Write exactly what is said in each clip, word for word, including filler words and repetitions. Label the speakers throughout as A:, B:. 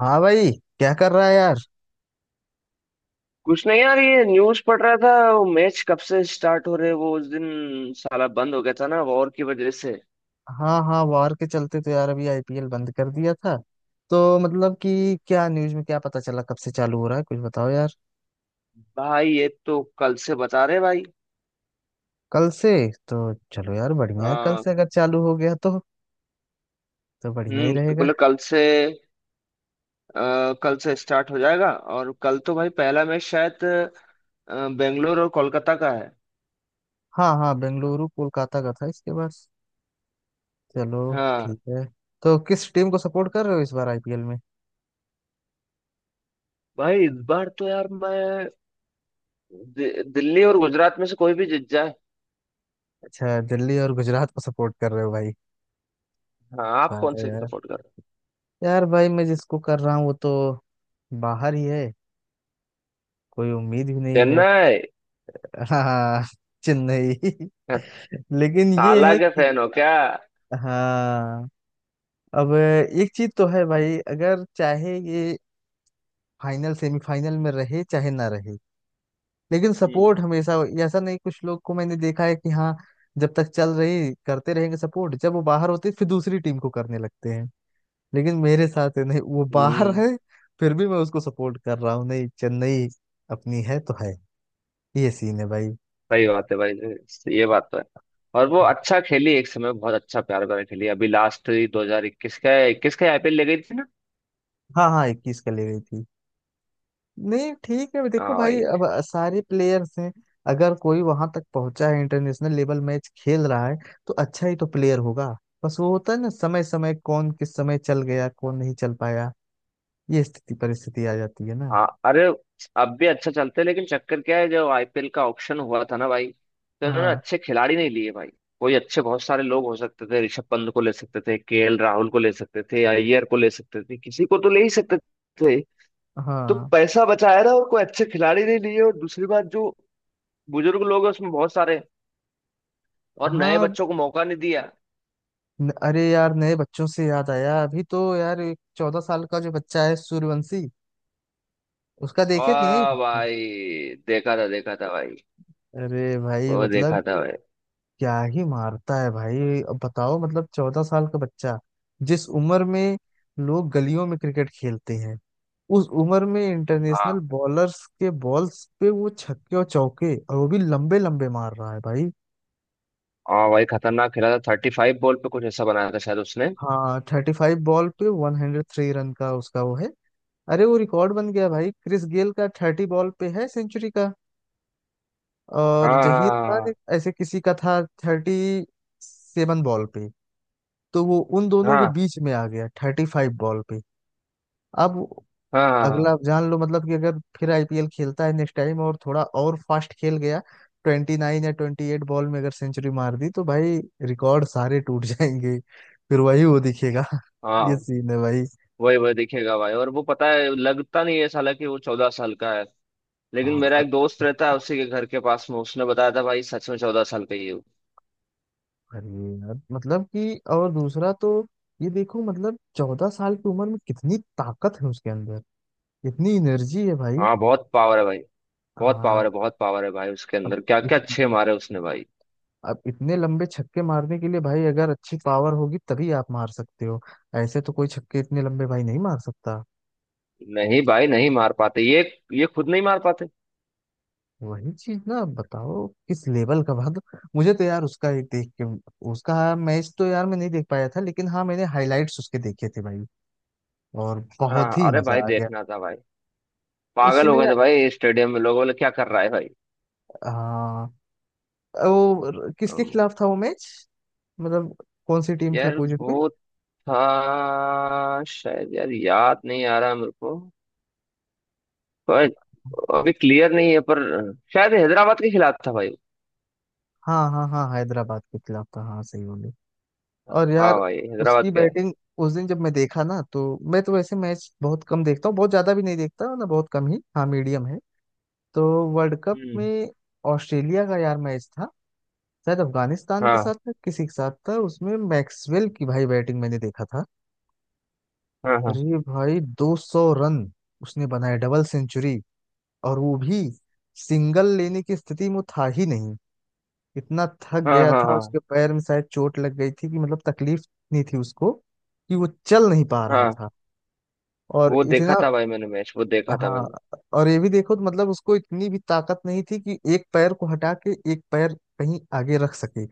A: हाँ भाई। क्या कर रहा है यार?
B: कुछ नहीं यार ये न्यूज पढ़ रहा था वो मैच कब से स्टार्ट हो रहे हैं, वो उस दिन साला बंद हो गया था ना वॉर की वजह से।
A: हाँ हाँ, वार के चलते तो यार अभी आईपीएल बंद कर दिया था। तो मतलब कि क्या न्यूज़ में क्या पता चला कब से चालू हो रहा है, कुछ बताओ यार।
B: भाई ये तो कल से बता रहे भाई।
A: कल से? तो चलो यार, बढ़िया है। कल
B: आ,
A: से अगर चालू हो गया तो तो बढ़िया ही
B: हम्म
A: रहेगा।
B: बोले कल से। आ, कल से स्टार्ट हो जाएगा। और कल तो भाई पहला मैच शायद अ, बेंगलोर और कोलकाता का है।
A: हाँ हाँ, बेंगलुरु कोलकाता का था इसके बाद। चलो।
B: हाँ
A: ठीक है। तो किस टीम को सपोर्ट कर रहे हो इस बार आईपीएल में?
B: भाई इस बार तो यार मैं दि, दिल्ली और गुजरात में से कोई भी जीत जाए।
A: अच्छा, दिल्ली और गुजरात को सपोर्ट कर रहे हो भाई?
B: हाँ, आप
A: वाह
B: कौन से
A: यार।
B: सपोर्ट कर रहे हो?
A: यार भाई मैं जिसको कर रहा हूँ वो तो बाहर ही है। कोई उम्मीद भी नहीं है।
B: चेन्नई।
A: हाँ। चेन्नई। लेकिन ये
B: ताला
A: है
B: के
A: कि
B: फैन हो क्या?
A: हाँ, अब एक चीज तो है भाई, अगर चाहे ये फाइनल सेमीफाइनल में रहे चाहे ना रहे लेकिन सपोर्ट हमेशा हो। ऐसा नहीं, कुछ लोग को मैंने देखा है कि हाँ, जब तक चल रही करते रहेंगे सपोर्ट, जब वो बाहर होते फिर दूसरी टीम को करने लगते हैं। लेकिन मेरे साथ है नहीं, वो बाहर
B: हम्म।
A: है फिर भी मैं उसको सपोर्ट कर रहा हूँ। नहीं, चेन्नई अपनी है तो है। ये सीन है भाई।
B: सही बात है भाई। ये बात तो है। और वो अच्छा खेली, एक समय बहुत अच्छा प्यार प्यार खेली। अभी लास्ट दो हजार इक्कीस का इक्कीस का आईपीएल ले गई थी ना।
A: हाँ हाँ, इक्कीस का ले गई थी। नहीं ठीक है, देखो
B: हाँ
A: भाई
B: भाई।
A: अब सारे प्लेयर्स हैं। अगर कोई वहां तक पहुंचा है, इंटरनेशनल लेवल मैच खेल रहा है, तो अच्छा ही तो प्लेयर होगा। बस वो होता है ना, समय समय कौन किस समय चल गया कौन नहीं चल पाया। ये स्थिति परिस्थिति आ जाती है ना।
B: हाँ अरे, अब भी अच्छा चलते हैं लेकिन चक्कर क्या है, जब आईपीएल का ऑक्शन हुआ था ना भाई, तो उन्होंने
A: हाँ
B: अच्छे खिलाड़ी नहीं लिए भाई। कोई अच्छे बहुत सारे लोग हो सकते थे। ऋषभ पंत को ले सकते थे, केएल राहुल को ले सकते थे, अय्यर को ले सकते थे, किसी को तो ले ही सकते थे। तो
A: हाँ
B: पैसा बचाया ना, और कोई अच्छे खिलाड़ी नहीं लिए। और दूसरी बात, जो बुजुर्ग लोग हैं उसमें बहुत सारे, और नए
A: हाँ,
B: बच्चों को मौका नहीं दिया।
A: न- अरे यार नए बच्चों से याद आया, अभी तो यार एक चौदह साल का जो बच्चा है, सूर्यवंशी, उसका देखे कि नहीं।
B: आ भाई, देखा था देखा था भाई।
A: अरे भाई
B: वो
A: मतलब
B: देखा था भाई।
A: क्या ही मारता है भाई। अब बताओ, मतलब चौदह साल का बच्चा, जिस उम्र में लोग गलियों में क्रिकेट खेलते हैं, उस उम्र में इंटरनेशनल
B: हाँ
A: बॉलर्स के बॉल्स पे वो छक्के और चौके और वो भी लंबे लंबे मार रहा है भाई।
B: हाँ भाई खतरनाक खेला था। थर्टी फाइव बॉल पे कुछ ऐसा बनाया था शायद उसने।
A: हाँ, थर्टी फाइव बॉल पे वन हंड्रेड थ्री रन का उसका वो है। अरे वो रिकॉर्ड बन गया भाई, क्रिस गेल का थर्टी बॉल पे है सेंचुरी का। और जहीर खान,
B: हाँ
A: एक ऐसे किसी का था, थर्टी सेवन बॉल पे। तो वो उन दोनों के
B: हाँ
A: बीच में आ गया थर्टी फाइव बॉल पे। अब
B: हाँ हाँ। हाँ
A: अगला
B: हाँ,
A: आप जान लो, मतलब कि अगर फिर आईपीएल खेलता है नेक्स्ट टाइम और थोड़ा और फास्ट खेल गया, ट्वेंटी नाइन या ट्वेंटी एट बॉल में अगर सेंचुरी मार दी तो भाई रिकॉर्ड सारे टूट जाएंगे। फिर वही वो दिखेगा
B: हाँ,
A: ये
B: हाँ,
A: सीन है भाई।
B: वही वही दिखेगा भाई। और वो पता है, लगता नहीं है साला कि वो चौदह साल का है। लेकिन
A: हाँ,
B: मेरा
A: अ-
B: एक दोस्त रहता है उसी के घर के पास में, उसने बताया था भाई सच में चौदह साल का ही है वो।
A: अरे यार मतलब कि, और दूसरा तो ये देखो, मतलब चौदह साल की उम्र में कितनी ताकत है उसके अंदर, इतनी एनर्जी है भाई।
B: हाँ बहुत पावर है भाई। बहुत पावर
A: हाँ।
B: है बहुत पावर है भाई उसके
A: अब
B: अंदर। क्या क्या अच्छे मारे उसने भाई।
A: अब इतने लंबे छक्के मारने के लिए भाई, अगर अच्छी पावर होगी तभी आप मार सकते हो। ऐसे तो कोई छक्के इतने लंबे भाई नहीं मार सकता।
B: नहीं भाई, नहीं मार पाते ये। ये खुद नहीं मार पाते।
A: वही चीज ना, अब बताओ किस लेवल का भाग। मुझे तो यार उसका एक देख के उसका, हाँ, मैच तो यार मैं नहीं देख पाया था, लेकिन हाँ मैंने हाइलाइट्स उसके देखे थे भाई, और
B: हाँ
A: बहुत ही
B: अरे
A: मजा
B: भाई
A: आ गया।
B: देखना था भाई। पागल हो
A: उसमें,
B: गए थे भाई स्टेडियम में, लोग बोले क्या कर रहा है भाई।
A: हाँ, वो किसके
B: अम,
A: खिलाफ था वो मैच? मतलब कौन सी टीम थी
B: यार
A: अपोजिट में?
B: वो था शायद, यार याद नहीं आ रहा मेरे को। पर अभी क्लियर नहीं है, पर शायद हैदराबाद के खिलाफ था भाई।
A: हाँ हाँ हाँ, हैदराबाद के खिलाफ था, हाँ सही बोले। और
B: हाँ
A: यार
B: भाई हैदराबाद
A: उसकी
B: के।
A: बैटिंग, उस दिन जब मैं देखा ना, तो मैं तो वैसे मैच बहुत कम देखता हूँ, बहुत ज्यादा भी नहीं देखता ना, बहुत कम ही, हाँ, मीडियम है। तो वर्ल्ड कप
B: हम्म।
A: में ऑस्ट्रेलिया का यार मैच था, शायद अफगानिस्तान के
B: हाँ
A: साथ था, किसी के साथ था, उसमें मैक्सवेल की भाई बैटिंग मैंने देखा था।
B: हाँ हाँ
A: अरे भाई, दो सौ रन उसने बनाए, डबल सेंचुरी। और वो भी सिंगल लेने की स्थिति में वो था ही नहीं, इतना थक
B: हाँ
A: गया
B: हाँ
A: था,
B: हाँ
A: उसके पैर में शायद चोट लग गई थी, कि मतलब तकलीफ नहीं थी उसको, कि वो चल नहीं पा रहा
B: हाँ,
A: था। और
B: वो देखा
A: इतना,
B: था भाई मैंने, मैच वो देखा था मैंने।
A: हाँ, और ये भी देखो तो मतलब उसको इतनी भी ताकत नहीं थी कि एक पैर को हटा के एक पैर कहीं आगे रख सके।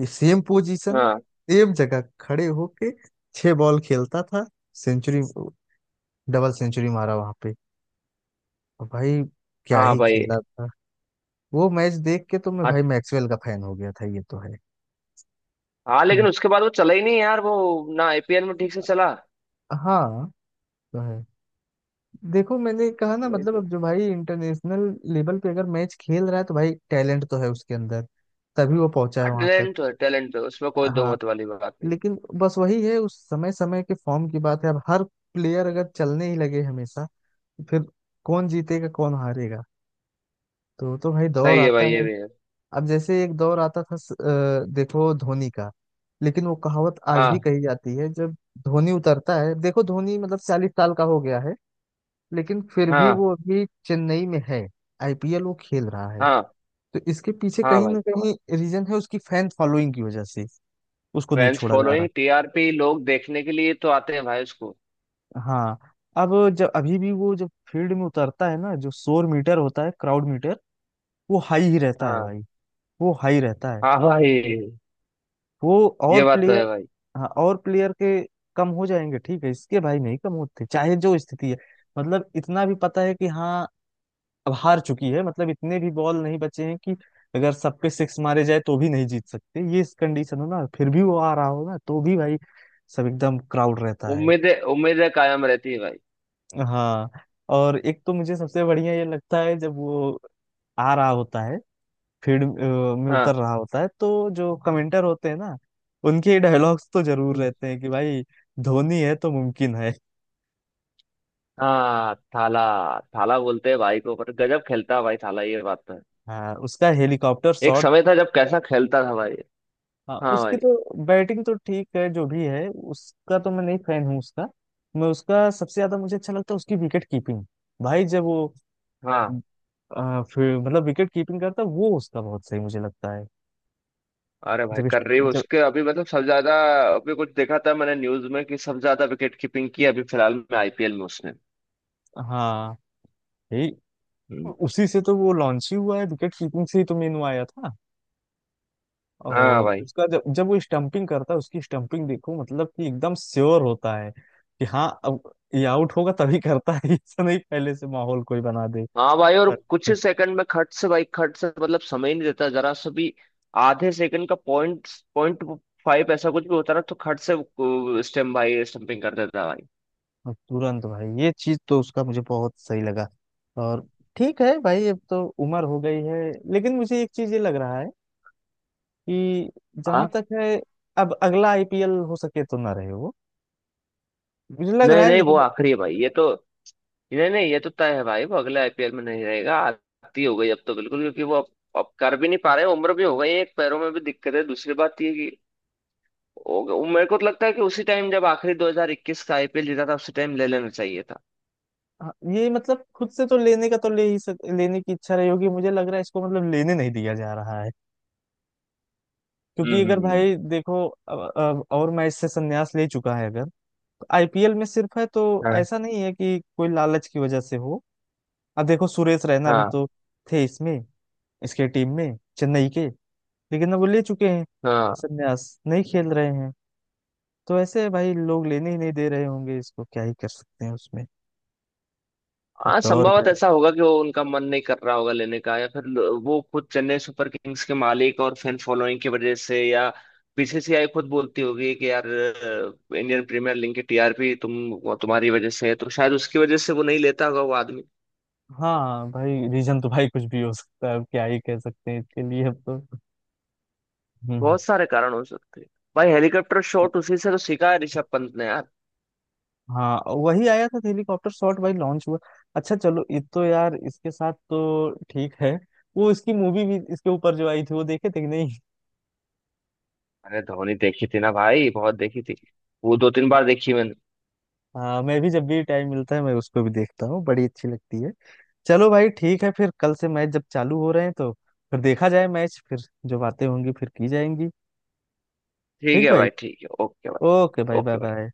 A: ये सेम पोजीशन,
B: हाँ
A: सेम जगह खड़े होके छह बॉल खेलता था। सेंचुरी, डबल सेंचुरी मारा वहां पे, और भाई क्या
B: हाँ
A: ही
B: भाई।
A: खेला था। वो मैच देख के तो मैं
B: हाँ
A: भाई मैक्सवेल का फैन हो गया था, ये तो है।
B: हाँ,
A: हम्म,
B: लेकिन उसके बाद वो चला ही नहीं यार वो, ना आईपीएल में ठीक से चला।
A: हाँ, तो है। देखो मैंने कहा ना,
B: वही
A: मतलब
B: तो।
A: अब जो भाई इंटरनेशनल लेवल पे अगर मैच खेल रहा है, तो भाई टैलेंट तो है उसके अंदर, तभी वो पहुंचा है
B: हाँ
A: वहां तक।
B: टैलेंट तो है, टैलेंट तो है उसमें, कोई दो
A: हाँ।
B: मत वाली बात नहीं।
A: लेकिन बस वही है, उस समय समय के फॉर्म की बात है। अब हर प्लेयर अगर चलने ही लगे हमेशा, फिर कौन जीतेगा कौन हारेगा। तो तो भाई दौर
B: सही है
A: आता
B: भाई, ये
A: है।
B: भी है।
A: अब जैसे एक दौर आता था स- अ, देखो धोनी का। लेकिन वो कहावत आज भी
B: हाँ
A: कही जाती है, जब धोनी उतरता है, देखो धोनी मतलब चालीस साल का हो गया है, लेकिन फिर भी
B: हाँ
A: वो अभी चेन्नई में है, आईपीएल वो खेल रहा है।
B: हाँ
A: तो इसके पीछे
B: हाँ
A: कहीं ना
B: भाई।
A: कहीं रीजन है, उसकी फैन फॉलोइंग की वजह से उसको नहीं
B: फैंस
A: छोड़ा जा
B: फॉलोइंग
A: रहा।
B: टीआरपी, लोग देखने के लिए तो आते हैं भाई उसको।
A: हाँ। अब जब अभी भी वो जब फील्ड में उतरता है ना, जो शोर मीटर होता है, क्राउड मीटर, वो हाई ही रहता है
B: हाँ
A: भाई। वो हाई रहता है।
B: हाँ भाई
A: वो
B: ये
A: और
B: बात तो
A: प्लेयर,
B: है भाई।
A: हाँ, और प्लेयर के कम हो जाएंगे ठीक है, इसके भाई नहीं कम होते चाहे जो स्थिति है। मतलब इतना भी पता है कि हाँ अब हार चुकी है, मतलब इतने भी बॉल नहीं बचे हैं कि अगर सब पे सिक्स मारे जाए तो भी नहीं जीत सकते, ये इस कंडीशन हो ना, फिर भी वो आ रहा हो ना तो भी भाई सब एकदम क्राउड रहता है।
B: उम्मीदें उम्मीदें कायम रहती है भाई।
A: हाँ, और एक तो मुझे सबसे बढ़िया ये लगता है, जब वो आ रहा होता है, फील्ड अ, में उतर
B: हाँ,
A: रहा होता है, तो जो कमेंटर होते हैं ना, उनके डायलॉग्स तो जरूर
B: हम्म।
A: रहते हैं कि भाई धोनी है तो मुमकिन है।
B: हाँ थाला। थाला बोलते हैं भाई को, पर गजब खेलता है भाई थाला, ये बात तो है।
A: हाँ, उसका हेलीकॉप्टर
B: एक
A: शॉट।
B: समय था जब कैसा खेलता था भाई।
A: हाँ,
B: हाँ
A: उसकी
B: भाई।
A: तो बैटिंग तो ठीक है जो भी है उसका, तो मैं नहीं फैन हूँ उसका। मैं उसका सबसे ज्यादा मुझे अच्छा लगता है उसकी विकेट कीपिंग। भाई जब वो
B: हाँ
A: आ, फिर मतलब विकेट कीपिंग करता है वो, उसका बहुत सही मुझे लगता है।
B: अरे भाई
A: जब
B: कर
A: इस्ट-
B: रही
A: जब
B: उसके अभी, मतलब सबसे ज्यादा। अभी कुछ देखा था मैंने न्यूज में कि सबसे ज्यादा विकेट कीपिंग की अभी फिलहाल में आईपीएल में उसने।
A: हाँ यही,
B: हम्म।
A: उसी से तो वो लॉन्च ही हुआ है, विकेट कीपिंग से ही तो मेनू आया था।
B: हाँ
A: और
B: भाई।
A: उसका, जब जब वो स्टंपिंग करता है, उसकी स्टंपिंग देखो, मतलब कि एकदम श्योर होता है कि हाँ अब ये आउट होगा, तभी करता है ऐसा नहीं पहले से माहौल कोई बना दे।
B: हाँ भाई, और कुछ ही सेकंड में खट से भाई खट से, मतलब समय ही नहीं देता जरा सा भी। आधे सेकंड का पॉइंट पॉइंट फाइव ऐसा कुछ भी होता ना, तो खट से स्टेम भाई स्टंपिंग कर देता भाई।
A: और तुरंत भाई, ये चीज तो उसका मुझे बहुत सही लगा। और ठीक है भाई, अब तो उम्र हो गई है। लेकिन मुझे एक चीज ये लग रहा है कि जहां
B: हाँ।
A: तक है, अब अगला आईपीएल हो सके तो ना रहे वो। मुझे लग रहा
B: नहीं
A: है,
B: नहीं वो
A: लेकिन अब देख-
B: आखिरी है भाई ये तो। नहीं नहीं ये तो तय है भाई, वो अगले आईपीएल में नहीं रहेगा। आती हो गई अब तो बिल्कुल, क्योंकि वो अब अब कर भी नहीं पा रहे, उम्र भी हो गई है, एक पैरों में भी दिक्कत है, दूसरी बात ये है कि हो गया- मेरे को तो लगता है कि उसी टाइम जब आखिरी दो हज़ार इक्कीस का आईपीएल जीता था, उसी टाइम ले लेना चाहिए था।
A: हाँ, ये मतलब खुद से तो लेने का, तो ले ही सक, लेने की इच्छा रही होगी, मुझे लग रहा है इसको मतलब लेने नहीं दिया जा रहा है।
B: हम्म
A: क्योंकि अगर
B: हम्म, हम्म।
A: भाई देखो, अब, अब और मैच से संन्यास ले चुका है अगर, तो आईपीएल में सिर्फ है तो,
B: हाँ
A: ऐसा नहीं है कि कोई लालच की वजह से हो। अब देखो सुरेश रैना भी
B: हाँ
A: तो थे इसमें, इसके टीम में चेन्नई के, लेकिन अब वो ले चुके हैं
B: हाँ।
A: संन्यास, नहीं खेल रहे हैं। तो ऐसे भाई लोग लेने ही नहीं दे रहे होंगे इसको, क्या ही कर सकते हैं उसमें। अब
B: हाँ
A: दौर
B: संभवत
A: है भाई।
B: ऐसा होगा कि वो, उनका मन नहीं कर रहा होगा लेने का, या फिर ल- वो खुद चेन्नई सुपर किंग्स के मालिक और फैन फॉलोइंग की वजह से, या बीसीसीआई खुद बोलती होगी कि यार अ, इंडियन प्रीमियर लीग की टीआरपी तुम, वो तुम्हारी वजह से है, तो शायद उसकी वजह से वो नहीं लेता होगा वो आदमी।
A: हाँ भाई रीजन तो भाई कुछ भी हो सकता है, अब क्या ही कह सकते हैं इसके लिए अब तो। हम्म।
B: बहुत सारे कारण हो सकते हैं। भाई हेलीकॉप्टर शॉट उसी से तो सीखा है ऋषभ पंत ने यार।
A: हाँ, वही आया था हेलीकॉप्टर शॉट भाई लॉन्च हुआ। अच्छा चलो, ये तो यार इसके साथ तो ठीक है। वो इसकी मूवी भी इसके ऊपर जो आई थी वो देखे थे कि नहीं?
B: अरे धोनी देखी थी ना भाई, बहुत देखी थी। वो दो तीन बार देखी मैंने।
A: हाँ, मैं भी जब भी टाइम मिलता है मैं उसको भी देखता हूँ, बड़ी अच्छी लगती है। चलो भाई ठीक है, फिर कल से मैच जब चालू हो रहे हैं तो फिर देखा जाए मैच, फिर जो बातें होंगी फिर की जाएंगी।
B: ठीक
A: ठीक
B: है
A: भाई।
B: भाई ठीक है ओके भाई।
A: ओके भाई, बाय
B: ओके।
A: बाय।